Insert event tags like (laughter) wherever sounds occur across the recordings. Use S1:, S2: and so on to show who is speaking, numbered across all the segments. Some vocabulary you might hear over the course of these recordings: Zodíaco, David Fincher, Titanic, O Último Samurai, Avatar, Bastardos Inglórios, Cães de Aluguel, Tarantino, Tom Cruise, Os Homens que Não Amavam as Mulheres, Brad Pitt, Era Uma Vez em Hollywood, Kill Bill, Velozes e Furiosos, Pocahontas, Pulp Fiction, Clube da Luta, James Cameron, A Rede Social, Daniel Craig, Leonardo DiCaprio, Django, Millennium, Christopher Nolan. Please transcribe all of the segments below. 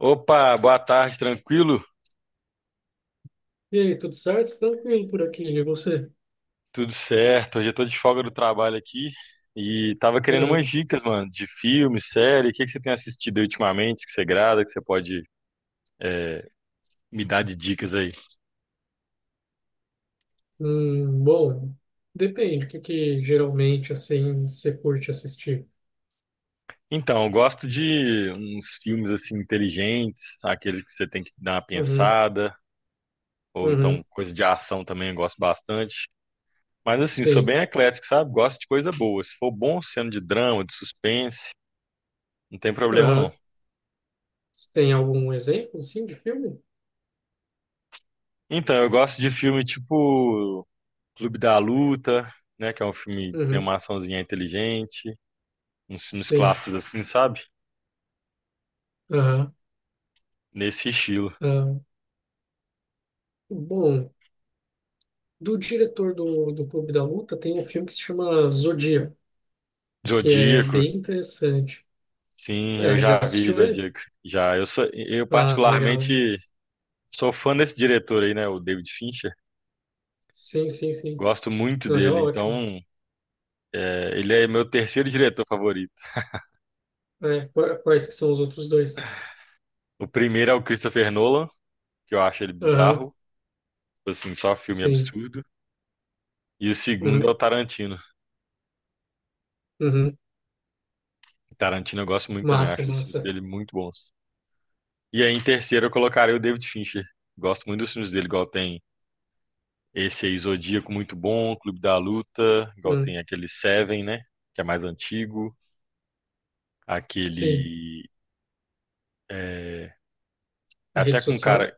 S1: Opa, boa tarde, tranquilo?
S2: E aí, tudo certo? Tranquilo por aqui, e você?
S1: Tudo certo? Hoje eu tô de folga do trabalho aqui e tava querendo umas
S2: Uhum.
S1: dicas, mano, de filme, série. O que que você tem assistido aí ultimamente que você grada, que você pode é, me dar de dicas aí?
S2: Bom, depende, o que que geralmente, assim, você curte assistir?
S1: Então, eu gosto de uns filmes assim inteligentes, aqueles que você tem que dar uma
S2: Uhum,
S1: pensada, ou então
S2: uhum,
S1: coisa de ação também eu gosto bastante. Mas assim, sou
S2: sim,
S1: bem eclético, sabe? Gosto de coisa boa. Se for bom, sendo de drama, de suspense, não tem problema não.
S2: aham. Você tem algum exemplo, assim, de filme?
S1: Então, eu gosto de filme tipo Clube da Luta, né? Que é um filme que tem
S2: Uhum,
S1: uma açãozinha inteligente, uns filmes
S2: sim,
S1: clássicos assim, sabe?
S2: aham,
S1: Nesse estilo.
S2: aham. Bom, do diretor do Clube da Luta tem um filme que se chama Zodíaco, que é
S1: Zodíaco,
S2: bem interessante.
S1: sim, eu
S2: É, já
S1: já vi
S2: assistiu ele?
S1: Zodíaco. Já, eu
S2: Ah, legal, legal.
S1: particularmente sou fã desse diretor aí, né? O David Fincher.
S2: Sim, sim, sim.
S1: Gosto muito
S2: Não, ele é
S1: dele,
S2: ótimo.
S1: então ele é meu terceiro diretor favorito.
S2: É, quais que são os outros dois?
S1: O primeiro é o Christopher Nolan, que eu acho ele
S2: Aham,
S1: bizarro, tipo assim, só filme
S2: sim.
S1: absurdo. E o segundo é o
S2: Uhum,
S1: Tarantino.
S2: uhum.
S1: O Tarantino eu gosto muito também,
S2: Massa,
S1: acho os filmes
S2: massa.
S1: dele muito bons. E aí, em terceiro, eu colocaria o David Fincher. Gosto muito dos filmes dele, igual tem esse aí, Zodíaco, muito bom, Clube da Luta, igual
S2: Hum,
S1: tem aquele Seven, né? Que é mais antigo,
S2: sim.
S1: aquele. é,
S2: A rede
S1: até com
S2: social?
S1: cara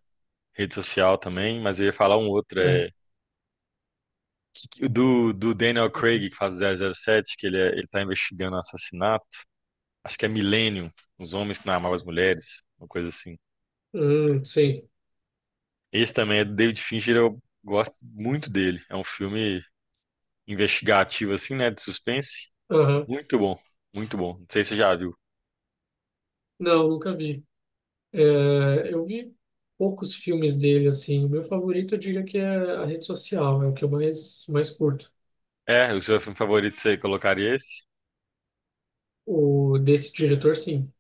S1: rede social também, mas eu ia falar um outro,
S2: É.
S1: do, do Daniel Craig, que faz o zero zero sete que ele tá investigando um assassinato. Acho que é Millennium, Os Homens que Não Amavam as Mulheres, uma coisa assim.
S2: Sim.
S1: Esse também é do David Fincher, eu gosto muito dele. É um filme investigativo, assim, né? De suspense.
S2: Aham.
S1: Muito bom, muito bom. Não sei se você já viu.
S2: Não, nunca vi. É, eu vi poucos filmes dele, assim. O meu favorito, eu diria que é a rede social. É o que eu mais curto.
S1: É, o seu filme favorito você colocaria esse?
S2: O desse diretor, sim.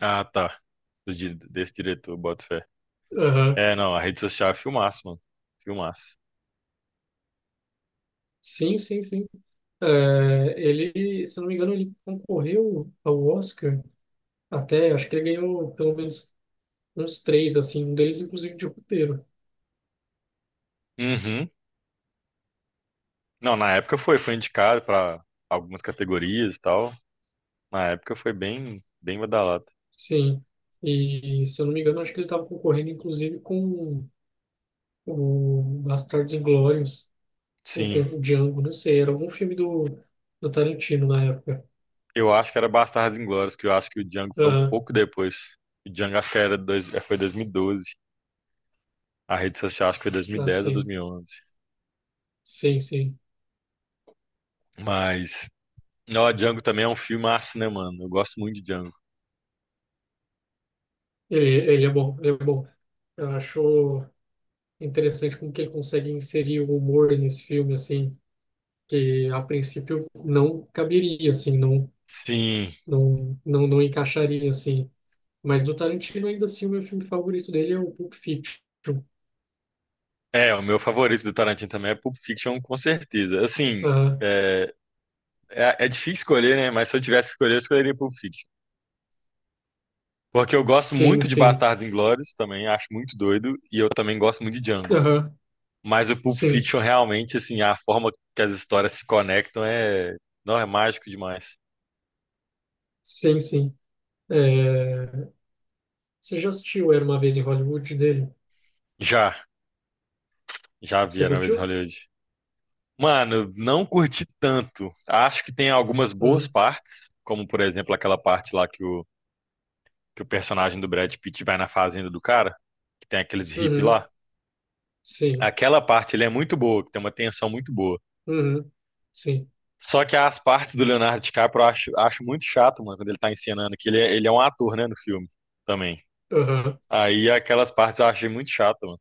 S1: Ah, tá. Desse diretor, boto fé.
S2: Aham.
S1: É, não, a rede social é filmaço, mano. Filmaço.
S2: Sim, sim, sim. É, ele, se não me engano, ele concorreu ao Oscar até, acho que ele ganhou pelo menos uns três, assim, um deles inclusive de roteiro.
S1: Uhum. Não, na época foi indicado pra algumas categorias e tal. Na época foi bem badalado.
S2: Sim, e se eu não me engano, acho que ele estava concorrendo inclusive com o Bastardos Inglórios, ou com
S1: Sim,
S2: o Django, não sei, era algum filme do Tarantino na época.
S1: eu acho que era Bastardos Inglórios, que eu acho que o Django foi um
S2: Aham,
S1: pouco depois. O Django acho que era dois, foi 2012. A rede social acho que foi
S2: ah,
S1: 2010 ou
S2: sim,
S1: 2011.
S2: sim, sim.
S1: Mas ó, Django também é um filmaço, né, mano? Eu gosto muito de Django.
S2: Ele é bom, ele é bom. Eu acho interessante como que ele consegue inserir o humor nesse filme, assim, que a princípio não caberia, assim,
S1: Sim.
S2: não encaixaria, assim. Mas do Tarantino, ainda assim, o meu filme favorito dele é o Pulp Fiction.
S1: É, o meu favorito do Tarantino também é Pulp Fiction, com certeza. Assim, é, é difícil escolher, né? Mas se eu tivesse que escolher, eu escolheria Pulp Fiction. Porque eu gosto
S2: Sim,
S1: muito de
S2: sim.
S1: Bastardos Inglórios também, acho muito doido, e eu também gosto muito de Django.
S2: Aham,
S1: Mas o Pulp
S2: sim,
S1: Fiction, realmente, assim, a forma que as histórias se conectam é, não, é mágico demais.
S2: sim, sim. É, você já assistiu Era Uma Vez em Hollywood dele?
S1: Já, já vi
S2: Você
S1: Era Uma Vez em
S2: curtiu?
S1: Hollywood. Mano, não curti tanto. Acho que tem algumas boas
S2: Uhum.
S1: partes, como por exemplo aquela parte lá que o personagem do Brad Pitt vai na fazenda do cara, que tem aqueles hippies
S2: Uhum.
S1: lá.
S2: Sim.
S1: Aquela parte ele é muito boa, que tem uma tensão muito boa.
S2: Uhum. Sim.
S1: Só que as partes do Leonardo DiCaprio acho muito chato, mano, quando ele tá encenando, que ele é um ator, né, no filme também.
S2: Aham.
S1: Aí aquelas partes eu achei muito chato, mano.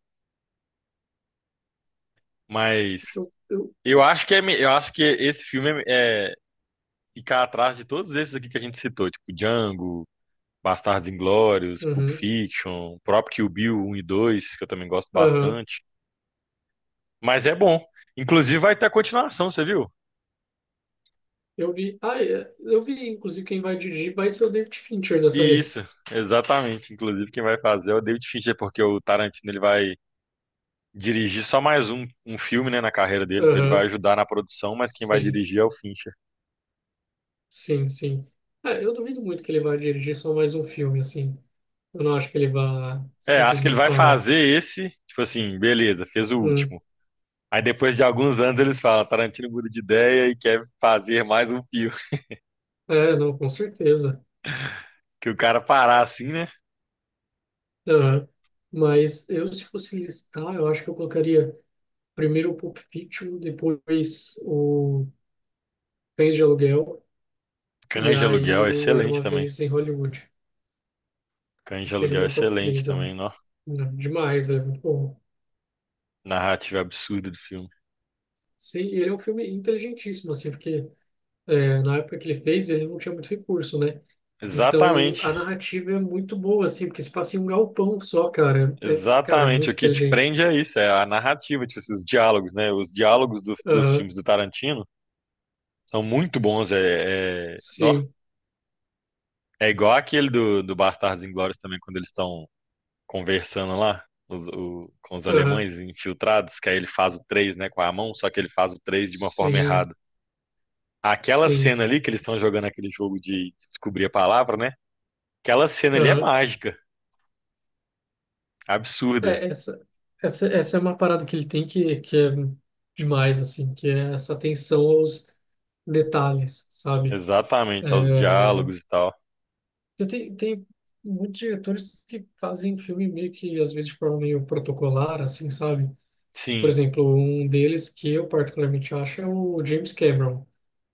S1: Mas
S2: Eu, eu...
S1: eu acho que esse filme é ficar atrás de todos esses aqui que a gente citou, tipo Django. Bastardos Inglórios, Pulp
S2: Uhum.
S1: Fiction, o próprio Kill Bill um e 2 que eu também gosto
S2: Aham.
S1: bastante. Mas é bom. Inclusive vai ter a continuação, você viu?
S2: Eu vi. Ah, é, eu vi, inclusive, quem vai dirigir vai ser o David Fincher dessa
S1: E isso,
S2: vez.
S1: exatamente. Inclusive quem vai fazer é o David Fincher, porque o Tarantino ele vai dirigir só mais um filme, né, na carreira dele, então ele vai
S2: Aham.
S1: ajudar na produção, mas quem vai
S2: Sim.
S1: dirigir é o Fincher.
S2: Sim, sim. É, eu duvido muito que ele vai dirigir só mais um filme, assim. Eu não acho que ele vá
S1: É, acho que ele
S2: simplesmente
S1: vai
S2: parar.
S1: fazer esse, tipo assim, beleza, fez o
S2: Hum.
S1: último. Aí depois de alguns anos eles falam, Tarantino muda de ideia e quer fazer mais um filme. (laughs)
S2: É, não, com certeza.
S1: Que o cara parar assim, né?
S2: Aham. Mas eu, se fosse listar, eu acho que eu colocaria primeiro o Pulp Fiction, depois o Cães de Aluguel, e
S1: Cães de
S2: aí
S1: Aluguel é
S2: o Era
S1: excelente
S2: Uma
S1: também.
S2: Vez em Hollywood.
S1: Cães de
S2: Esse seria o
S1: Aluguel é
S2: meu top
S1: excelente
S2: 3, eu acho.
S1: também, ó.
S2: Não, demais, é muito bom.
S1: Narrativa absurda do filme.
S2: Sim, e ele é um filme inteligentíssimo, assim, porque na época que ele fez, ele não tinha muito recurso, né? Então,
S1: Exatamente,
S2: a narrativa é muito boa, assim, porque se passa em um galpão só, cara. É, cara, é
S1: exatamente.
S2: muito
S1: O que te
S2: inteligente.
S1: prende é isso, é a narrativa, tipo, assim, os diálogos, né? Os diálogos dos
S2: Aham,
S1: filmes do Tarantino são muito bons. Nó.
S2: sim,
S1: É igual aquele do Bastardos Inglórios também, quando eles estão conversando lá com os
S2: aham,
S1: alemães infiltrados, que aí ele faz o 3, né, com a mão, só que ele faz o 3 de uma forma
S2: sim,
S1: errada. Aquela
S2: sim.
S1: cena ali que eles estão jogando aquele jogo de descobrir a palavra, né? Aquela cena ali é
S2: Aham.
S1: mágica, absurda.
S2: É, essa é uma parada que ele tem que é demais, assim, que é essa atenção aos detalhes, sabe?
S1: Exatamente, aos
S2: É,
S1: diálogos e tal.
S2: eu tenho tem muitos diretores que fazem filme meio que, às vezes, de forma meio protocolar, assim, sabe? Por
S1: Sim,
S2: exemplo, um deles que eu particularmente acho é o James Cameron.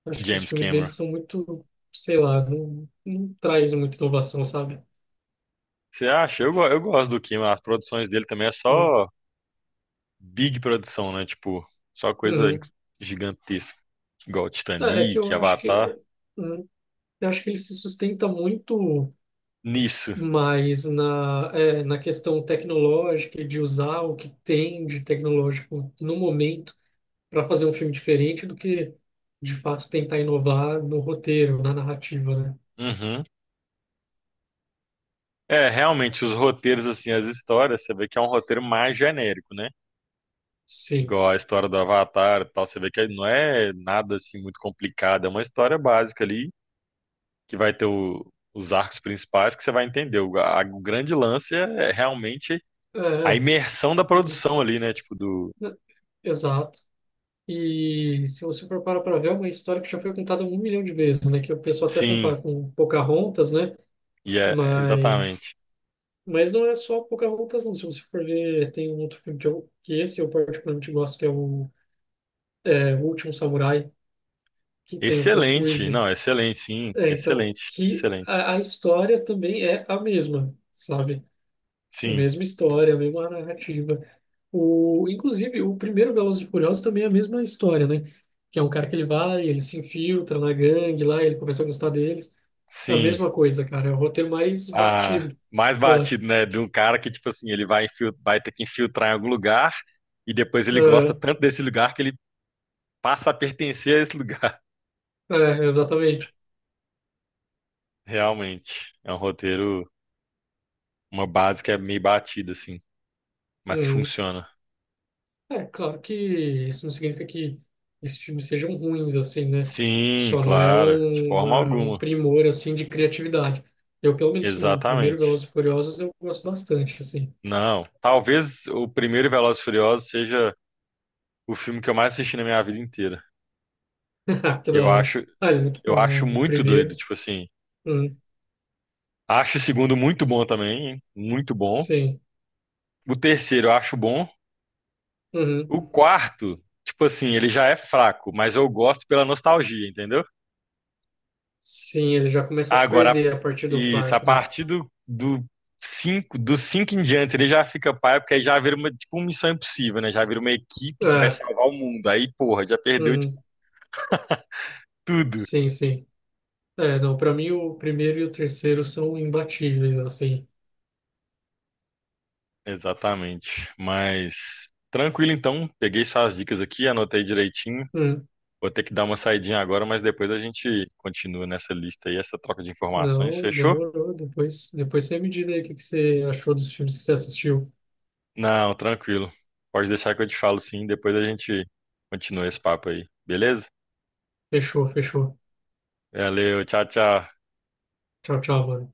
S2: Acho que os
S1: James
S2: filmes dele
S1: Cameron.
S2: são muito, sei lá, não traz muita inovação, sabe?
S1: Você acha? Eu gosto do Cameron. As produções dele também é
S2: Hum,
S1: só big produção, né? Tipo, só coisa inc-
S2: uhum.
S1: gigantesca. Igual
S2: É, é que
S1: Titanic,
S2: eu acho
S1: Avatar.
S2: que... hum, Eu acho que ele se sustenta muito
S1: Nisso.
S2: mais na, na questão tecnológica e de usar o que tem de tecnológico no momento para fazer um filme diferente do que, de fato, tentar inovar no roteiro, na narrativa, né?
S1: Uhum. É, realmente, os roteiros, assim, as histórias, você vê que é um roteiro mais genérico, né?
S2: Sim.
S1: Igual a história do Avatar e tal, você vê que não é nada, assim, muito complicado. É uma história básica ali que vai ter o- os arcos principais que você vai entender. O grande lance é realmente
S2: É,
S1: a
S2: é.
S1: imersão da produção ali, né? Tipo do.
S2: É, exato. E se você for parar para ver, é uma história que já foi contada um milhão de vezes, né? Que o pessoal até
S1: Sim,
S2: compara com Pocahontas, né?
S1: e é
S2: Mas
S1: exatamente.
S2: Mas não é só Pocahontas, não. Se você for ver, tem um outro filme que esse eu particularmente gosto, que é O Último Samurai, que tem o Tom
S1: Excelente,
S2: Cruise.
S1: não, excelente, sim,
S2: É, então,
S1: excelente,
S2: que
S1: excelente.
S2: a história também é a mesma, sabe? A
S1: Sim,
S2: mesma história, a mesma narrativa. Inclusive, o primeiro Velozes e Furiosos também é a mesma história, né? Que é um cara que ele se infiltra na gangue lá, ele começa a gostar deles. É a
S1: sim.
S2: mesma coisa, cara. É o roteiro mais
S1: Ah,
S2: batido,
S1: mais
S2: eu acho.
S1: batido, né? De um cara que, tipo assim, vai ter que infiltrar em algum lugar e depois ele gosta
S2: É,
S1: tanto desse lugar que ele passa a pertencer a esse lugar.
S2: é, exatamente.
S1: (laughs) Realmente, é um roteiro, uma base que é meio batida, assim, mas que
S2: Uhum.
S1: funciona.
S2: É, claro que isso não significa que esses filmes sejam ruins, assim, né?
S1: Sim,
S2: Só não é
S1: claro, de
S2: um,
S1: forma
S2: uma, um
S1: alguma.
S2: primor, assim, de criatividade. Eu, pelo menos, o primeiro
S1: Exatamente.
S2: Velozes e Furiosos eu gosto bastante, assim.
S1: Não, talvez o primeiro Velozes e Furiosos seja o filme que eu mais assisti na minha vida inteira.
S2: (laughs) Ah, que da
S1: Eu
S2: hora.
S1: acho,
S2: Ah, ele é muito
S1: eu acho
S2: bom, o
S1: muito doido,
S2: primeiro.
S1: tipo assim.
S2: Hum,
S1: Acho o segundo muito bom também, hein? Muito bom.
S2: sim.
S1: O terceiro eu acho bom.
S2: Uhum.
S1: O quarto, tipo assim, ele já é fraco, mas eu gosto pela nostalgia, entendeu?
S2: Sim, ele já começa a se
S1: Agora,
S2: perder a partir do
S1: isso, a
S2: quarto, né?
S1: partir do cinco, dos cinco em diante, ele já fica pai, porque aí já vira uma, tipo, uma missão impossível, né? Já vira uma equipe que vai
S2: É,
S1: salvar o mundo. Aí, porra, já perdeu, tipo,
S2: uhum.
S1: tudo.
S2: Sim, sim. É, não, pra mim o primeiro e o terceiro são imbatíveis, assim.
S1: Exatamente. Mas, tranquilo então, peguei suas dicas aqui, anotei direitinho.
S2: Hum.
S1: Vou ter que dar uma saidinha agora, mas depois a gente continua nessa lista aí, essa troca de informações,
S2: Não,
S1: fechou?
S2: demorou. Depois você me diz aí o que que você achou dos filmes que você assistiu.
S1: Não, tranquilo. Pode deixar que eu te falo sim, depois a gente continua esse papo aí, beleza?
S2: Fechou, fechou.
S1: Valeu, tchau, tchau.
S2: Tchau, tchau, mano.